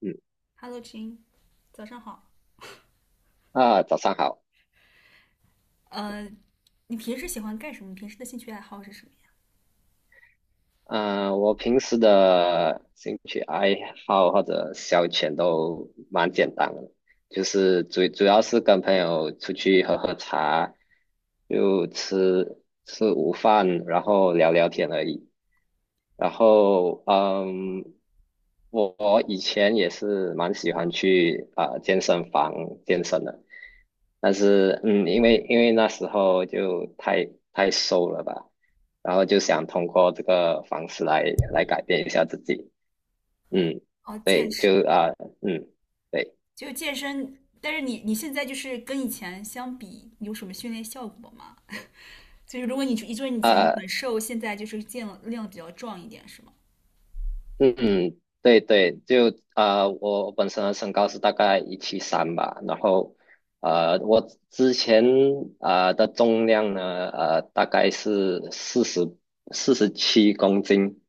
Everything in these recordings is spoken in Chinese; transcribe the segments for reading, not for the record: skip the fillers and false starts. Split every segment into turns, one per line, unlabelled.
嗯。
Hello，亲，早上好。
啊，早上好。
呃，你平时喜欢干什么？平时的兴趣爱好是什么呀？
我平时的兴趣爱好或者消遣都蛮简单的，就是主要是跟朋友出去喝喝茶，就吃午饭，然后聊聊天而已。然后，嗯，我以前也是蛮喜欢去健身房健身的，但是嗯，因为那时候就太瘦了吧，然后就想通过这个方式来改变一下自己，嗯，
哦，健
对，
身，
嗯，对，
就健身。但是你现在就是跟以前相比，有什么训练效果吗？就是如果就是你以前
啊、
很瘦，现在就是见了量比较壮一点，是吗？
嗯嗯，对对，我本身的身高是大概173吧，然后我之前的重量呢，大概是四十七公斤，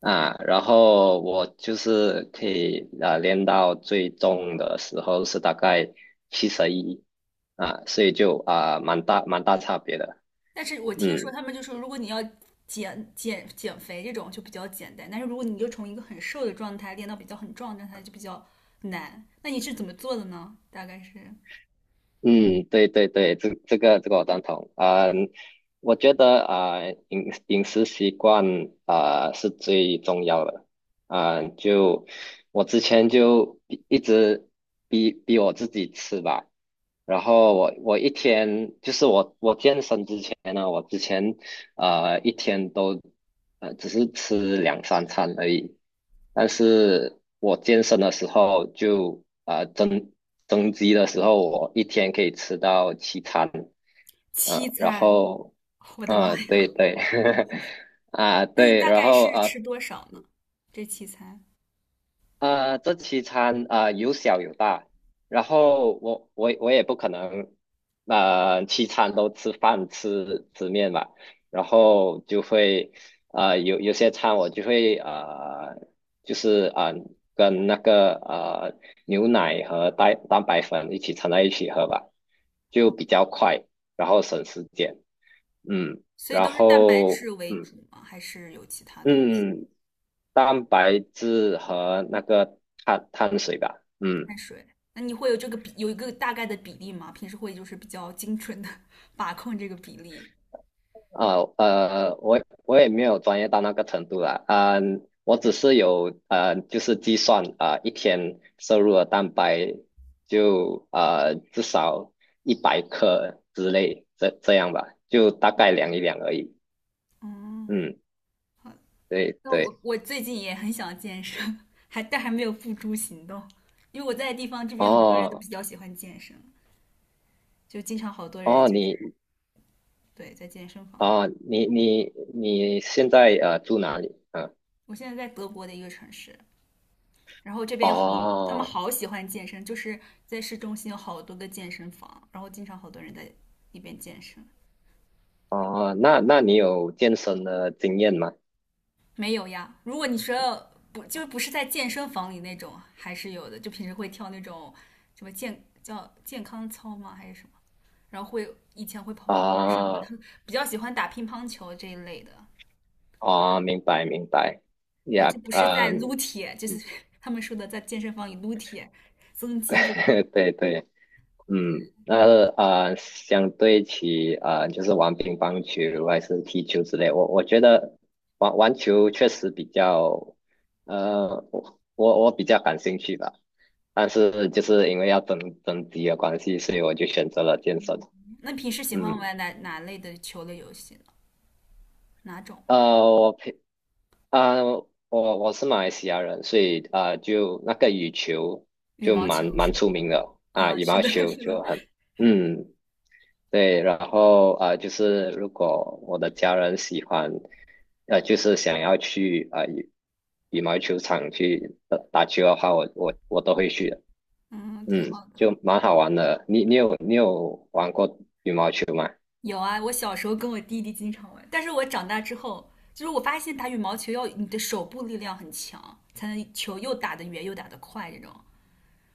啊，然后我就是可以啊练到最重的时候是大概71啊，所以就啊蛮大差别的，
但是我听说
嗯。
他们就说，如果你要减肥这种就比较简单，但是如果你就从一个很瘦的状态练到比较很壮的状态就比较难。那你是怎么做的呢？大概是
嗯，对对对，这个我赞同。嗯，我觉得啊，呃饮饮食习惯啊，是最重要的。啊，就我之前就一直逼我自己吃吧，然后我一天就是我健身之前呢，我之前一天都只是吃两三餐而已。但是我健身的时候就啊、呃、增增肌的时候，我一天可以吃到七餐，
七
嗯，
餐，我的妈呀！
然后嗯，对对。啊
那你
对
大
然
概
后
是吃多少呢？这七餐？
这七餐啊有小有大，然后我也不可能，七餐都吃饭吃面吧，然后就会有些餐我就会就是啊、呃、跟那个牛奶和蛋白粉一起掺在一起喝吧，就
哦，
比较快，然后省时间，嗯，
所以
然
都是蛋白
后
质为
嗯。
主吗？还是有其他东西？
嗯，蛋白质和那个碳水吧。嗯，
碳水？那你会有这个比，有一个大概的比例吗？平时会就是比较精准的 把控这个比例。
啊呃，我我也没有专业到那个程度啦。嗯、我只是有就是计算一天摄入的蛋白就至少100克之类，这样吧，就大概量一量而已。
嗯，
嗯，
好。
对
那我
对。
我最近也很想健身，还没有付诸行动，因为我在的地方这边很多人都
哦，
比较喜欢健身，就经常好多人
哦，
就
你
是对在健身房。
哦你现在住哪里？嗯，
我现在在德国的一个城市，然后这边他们
哦。
好喜欢健身，就是在市中心有好多个健身房，然后经常好多人在那边健身。
哦，那你有健身的经验吗？
没有呀，如果你说不是在健身房里那种，还是有的，就平时会跳那种什么叫健康操吗？还是什么？然后以前会跑跑步什么
啊
的，比较喜欢打乒乓球这一类的。
啊，明白明白，
对，
呀，
就不是在撸
嗯。
铁，就是 他们说的在健身房里撸铁、增肌这种。
对对，嗯，那相对起啊，就是玩乒乓球还是踢球之类，我觉得玩玩球确实比较，我比较感兴趣吧，但是就是因为要增肌的关系，所以我就选择了健身，
那平时喜欢
嗯。
玩哪类的球类游戏呢？哪种？
呃，我平啊、我是马来西亚人，所以啊、就那个羽球
羽
就
毛
蛮
球
蛮
是吗？
出名的啊，
啊，
羽
是
毛
的，
球
是的，
就很，嗯，对，然后就是如果我的家人喜欢，就是想要去羽毛球场去打打球的话，我都会去的，
嗯，挺
嗯，
好的。
就蛮好玩的。你你有玩过羽毛球吗？
有啊，我小时候跟我弟弟经常玩，但是我长大之后，就是我发现打羽毛球要你的手部力量很强，才能球又打得远又打得快这种。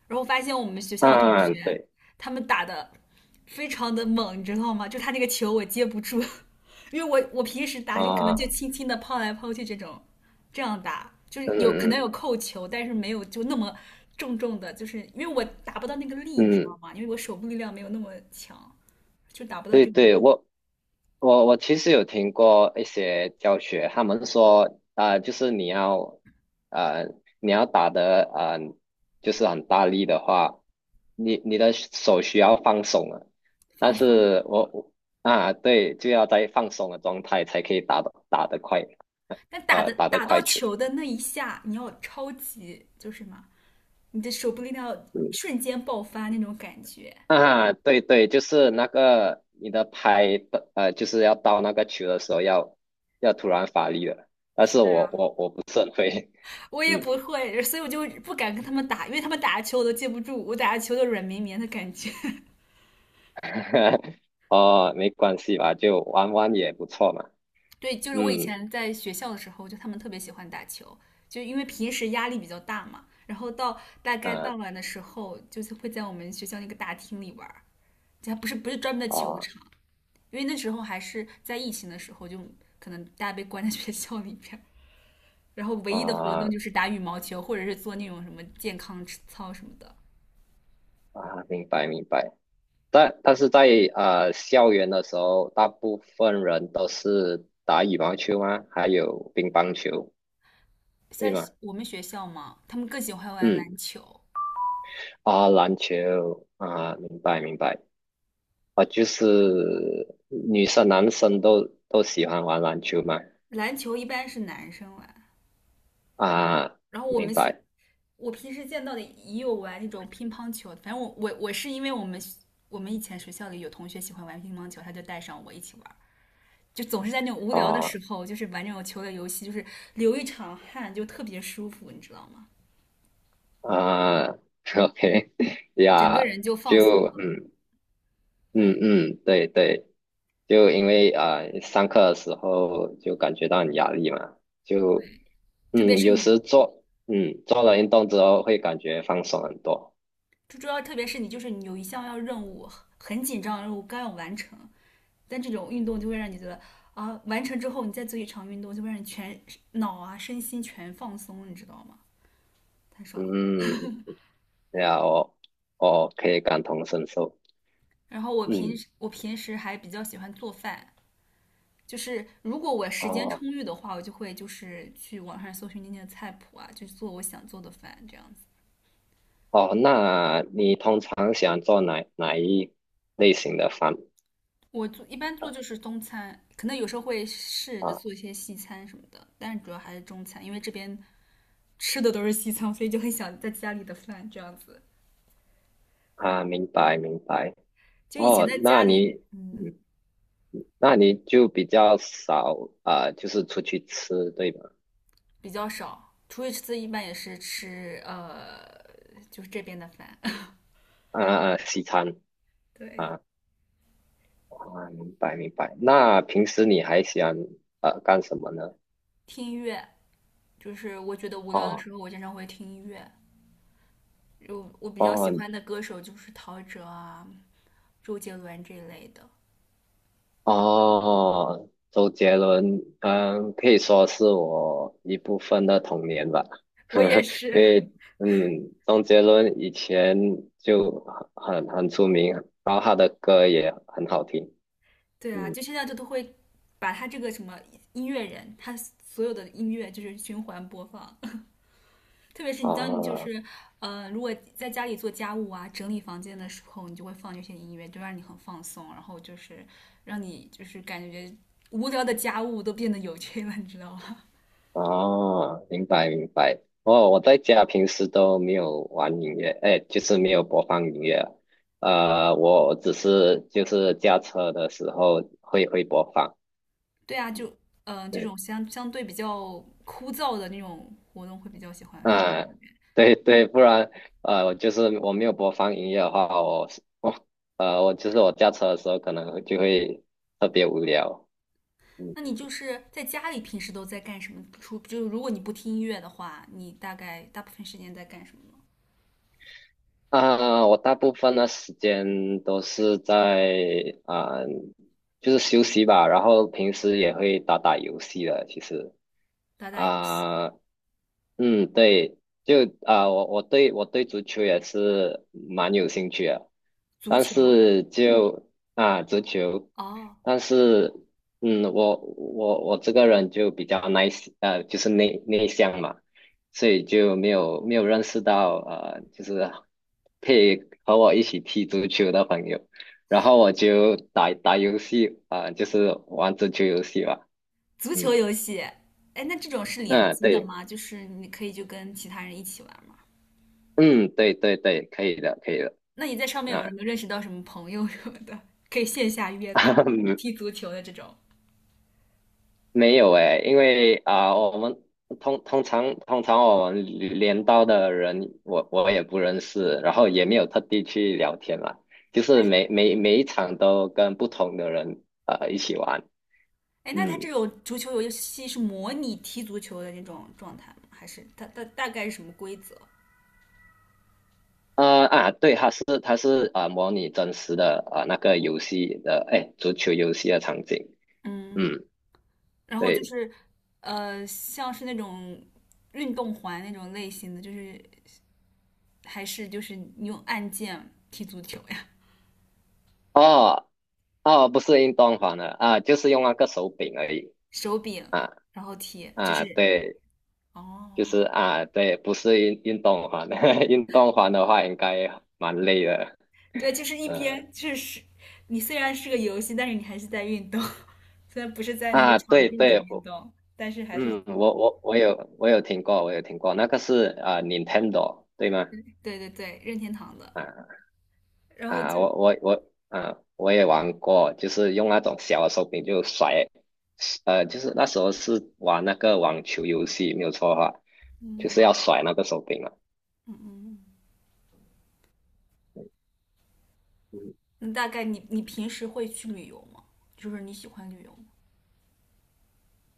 然后我发现我们学校的同
啊，
学
对，
他们打的非常的猛，你知道吗？就他那个球我接不住，因为我平时打就可能就
啊，
轻轻的抛来抛去这种，这样打就是
嗯
有
嗯
可能
嗯。
有扣球，但是没有就那么重重的，就是因为我打不到那个力，你知道
嗯，
吗？因为我手部力量没有那么强，就达不到
对
这种力
对，我其实有听过一些教学，他们说就是你要呃，你要打的就是很大力的话，你的手需要放松啊。但
放松。
是啊，对，就要在放松的状态才可以打的快，
但
打的
打到
快球。
球的那一下，你要超级就是嘛，你的手部力量要
嗯。
瞬间爆发那种感觉。
啊，对对，就是那个你的拍的，就是要到那个球的时候要突然发力了，但是
是的呀，
我不是很会。
我 也
嗯。
不会，所以我就不敢跟他们打，因为他们打球我都接不住，我打球都软绵绵的感觉。
哦，没关系吧，就玩玩也不错嘛，
对，就是我以
嗯。
前在学校的时候，就他们特别喜欢打球，就因为平时压力比较大嘛，然后到大概傍
啊
晚的时候，就是会在我们学校那个大厅里玩儿，就还不是专门的球
啊
场，因为那时候还是在疫情的时候，就可能大家被关在学校里边儿，然后唯一的活动
啊
就是打羽毛球，或者是做那种什么健康操什么的。
啊，明白明白，但是在校园的时候，大部分人都是打羽毛球吗？还有乒乓球，
像
对吗？
我们学校嘛，他们更喜欢玩
嗯，
篮球，
啊，篮球啊，明白明白。啊，就是女生男生都喜欢玩篮球嘛。
篮球一般是男生玩，
啊，
然后我
明
们学
白。
我平时见到的也有玩那种乒乓球，反正我是因为我们以前学校里有同学喜欢玩乒乓球，他就带上我一起玩，就总是在那种无聊的时
哦。
候，就是玩这种球类游戏，就是流一场汗就特别舒服，你知道吗？
啊，OK。
整个
呀，
人就
就
放松了。
嗯，
对，
嗯嗯，对对，就因为上课的时候就感觉到很压力嘛，就
特别
嗯，
是
有时
你，
做嗯，做了运动之后会感觉放松很多。
就主要特别是你，就是你有一项要任务很紧张，任务刚要完成，但这种运动就会让你觉得啊，完成之后你再做一场运动，就会让你全脑啊身心全放松，你知道吗？太爽了。
嗯，对啊，我可以感同身受。
然后我平
嗯，
时我平时还比较喜欢做饭，就是如果我时间
哦。
充裕的话，我就会就是去网上搜寻那些菜谱啊，就做我想做的饭这样子。
哦，那你通常喜欢做哪一类型的饭
一般做就是中餐，可能有时候会试着
啊？
做一些西餐什么的，但是主要还是中餐，因为这边吃的都是西餐，所以就很想在家里的饭这样子。
啊，明白明白。
就以前
哦，
在家
那
里，
你
嗯，
嗯，那你就比较少啊，就是出去吃，对吧？
比较少，出去吃一般也是吃就是这边的饭。
啊啊，西餐，
对，
啊啊，明白明白。那平时你还喜欢干什么呢？
听音乐。就是我觉得无聊的
哦，
时候，我经常会听音乐。就我比较喜
哦，
欢的歌手就是陶喆啊、周杰伦这一类的。
哦，周杰伦，嗯，可以说是我一部分的童年吧，
我 也
因
是，
为，嗯，周杰伦以前就很出名，然后他的歌也很好听，
对啊，
嗯，
就现在就都会把他这个什么音乐人，他所有的音乐就是循环播放。特别是你当你就
哦，
是，如果在家里做家务啊、整理房间的时候，你就会放这些音乐，就让你很放松，然后就是让你就是感觉无聊的家务都变得有趣了，你知道吗？
哦，明白明白。哦，我在家平时都没有玩音乐，哎，就是没有播放音乐啊，我只是就是驾车的时候会播放。
对啊，就这
对，
种相对比较枯燥的那种活动会比较喜
嗯。
欢放。
对对，不然我就是我没有播放音乐的话，我我驾车的时候可能就会特别无聊。嗯，
那你就是在家里平时都在干什么？就如果你不听音乐的话，你大概大部分时间在干什么呢
啊，我大部分的时间都是在啊，就是休息吧，然后平时也会打打游戏的。其实
打打游戏，
啊，嗯，对，就啊，我对足球也是蛮有兴趣的。
足
但
球
是嗯，就啊足球，
哦，
但是嗯，我这个人就比较 nice, 就是内向嘛，所以就没有认识到，就是 配和我一起踢足球的朋友，然后我就打打游戏啊，就是玩足球游戏吧，
足球
嗯，
游戏。哎，那这种是联
嗯，
机的
对，
吗？就是你可以就跟其他人一起玩吗？
嗯，对对对，可以的，可以的，
那你在上面有没
啊。
有认识到什么朋友什么的，可以线下约踢 足球的这种？
没有诶，因为啊、我们通常我们镰刀的人，我也不认识，然后也没有特地去聊天嘛，就是每一场都跟不同的人一起玩，
哎，那他这
嗯，
种足球游戏是模拟踢足球的那种状态吗？还是它大概是什么规则？
对，他是啊、模拟真实的啊、那个游戏的，哎，足球游戏的场景，
嗯，
嗯，
然后就
对，
是像是那种运动环那种类型的，就是还是就是你用按键踢足球呀，
哦，哦，不是运动房的啊，就是用那个手柄而已，
手柄
啊
然后踢，就
啊，
是
对。就
哦，
是啊，对，不是运动环，运动环的话应该蛮累的。
对，就是一
嗯，
边就是你虽然是个游戏，但是你还是在运动，虽然不是在那个
啊，
场
对
地里
对，
运
我
动，但是还是
嗯，我我有听过，我有听过，那个是啊、Nintendo 对吗？
对对对，任天堂的，
啊
然后
啊，
就。
我啊，我也玩过，就是用那种小的手柄就甩，就是那时候是玩那个网球游戏，没有错的话，就
嗯，
是要甩那个手柄嘛。
嗯嗯
嗯，
嗯。大概你平时会去旅游吗？就是你喜欢旅游吗？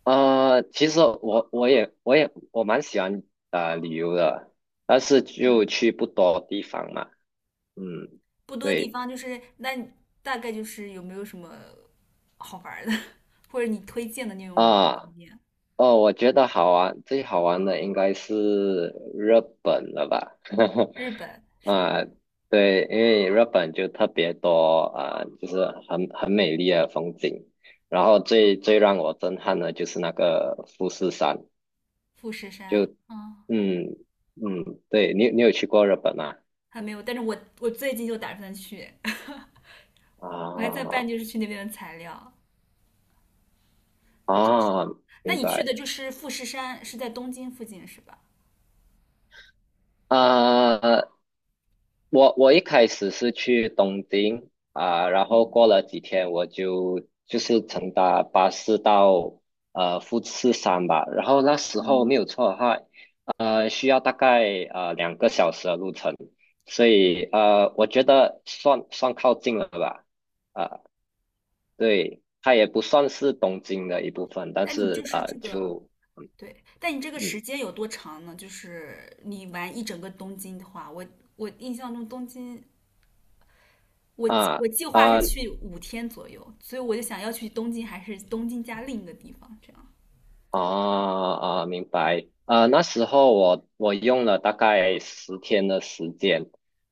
其实我蛮喜欢旅游的，但是就
嗯，
去不多地方嘛。嗯，
不多地
对
方，就是那你大概就是有没有什么好玩儿的，或者你推荐的那种旅游
啊，
景点？
哦，我觉得好玩，最好玩的应该是日本了吧？
日本 是吧？
啊，对，因为日本就特别多啊，就是很美丽的风景。然后最让我震撼的就是那个富士山，
富士
就
山，啊，
嗯，嗯，对，你去过日本吗？
还没有，但是我最近就打算去，我还在办
啊
就是去那边的材料。真是，
啊，
那
明
你去
白，
的就是富士山，是在东京附近是吧？
啊！我一开始是去东京啊，然
嗯
后过了几天我就就是乘搭巴士到富士山吧，然后那时候
嗯，
没有错的话，需要大概2个小时的路程，所以我觉得算靠近了吧，啊，对，它也不算是东京的一部分，但
那你就
是
是
啊、
这个
就
对，但你这个
嗯
时间有多长呢？就是你玩一整个东京的话，我印象中东京，我
啊。
我计划
啊，
是
呃
去五天左右，所以我就想要去东京，还是东京加另一个地方，这样
啊啊，明白。那时候我用了大概10天的时间，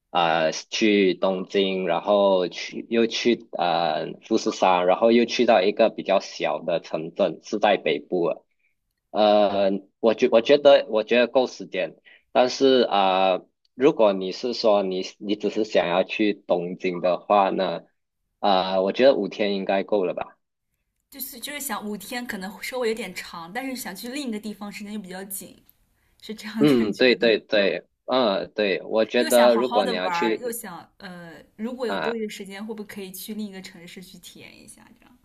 啊、去东京，然后去又去富士山，然后又去到一个比较小的城镇，是在北部了，呃，我觉得够时间，但是啊、如果你是说你只是想要去东京的话呢，啊、我觉得5天应该够了吧。
就是想五天可能稍微有点长，但是想去另一个地方时间又比较紧，是这样感
嗯，
觉
对
的。
对对，嗯，对，我觉
又想
得
好
如
好
果
的
你
玩
要
儿，又
去
想如果有多
啊，
余的时间，会不会可以去另一个城市去体验一下？这样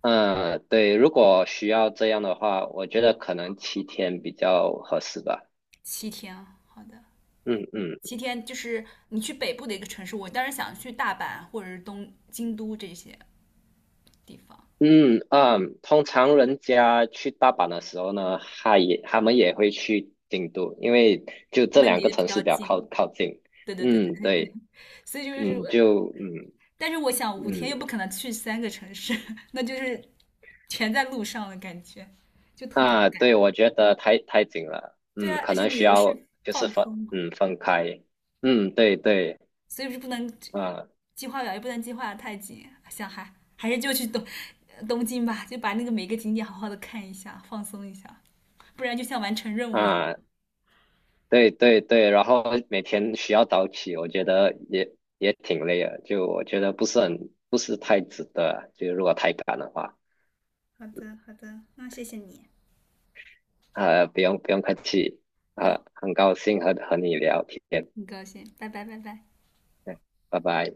嗯，对，如果需要这样的话，我觉得可能7天比较合适吧。
七天啊，好的。
嗯嗯，
七天就是你去北部的一个城市，我当然想去大阪或者是东京都这些地方，
嗯嗯，通常人家去大阪的时候呢，他也他们也会去京都，因为就
他
这
们
两
离
个
得比
城市
较
比较靠
近。
靠近。
对对对对
嗯，
对对，
对，
所以就是我，
嗯，就嗯
但是我想五天又
嗯，
不可能去3个城市，那就是全在路上的感觉，就特别
啊，
赶。
对，我觉得太紧了，
对
嗯，
啊，
可
而且
能
旅
需
游
要
是
就是
放
分
松嘛，
嗯，分开。嗯，对对。
所以是不能
啊，
计划表，也不能计划得太紧。想还是就去东京吧，就把那个每个景点好好的看一下，放松一下，不然就像完成任务一样。
啊，对对对，然后每天需要早起，我觉得也也挺累的，就我觉得不是很，不是太值得啊，就如果太赶的话，
好的，好的，那谢谢你，
不用不用客气，
好，
很高兴和你聊天，
很高兴，拜拜，拜拜。
嗯，拜拜。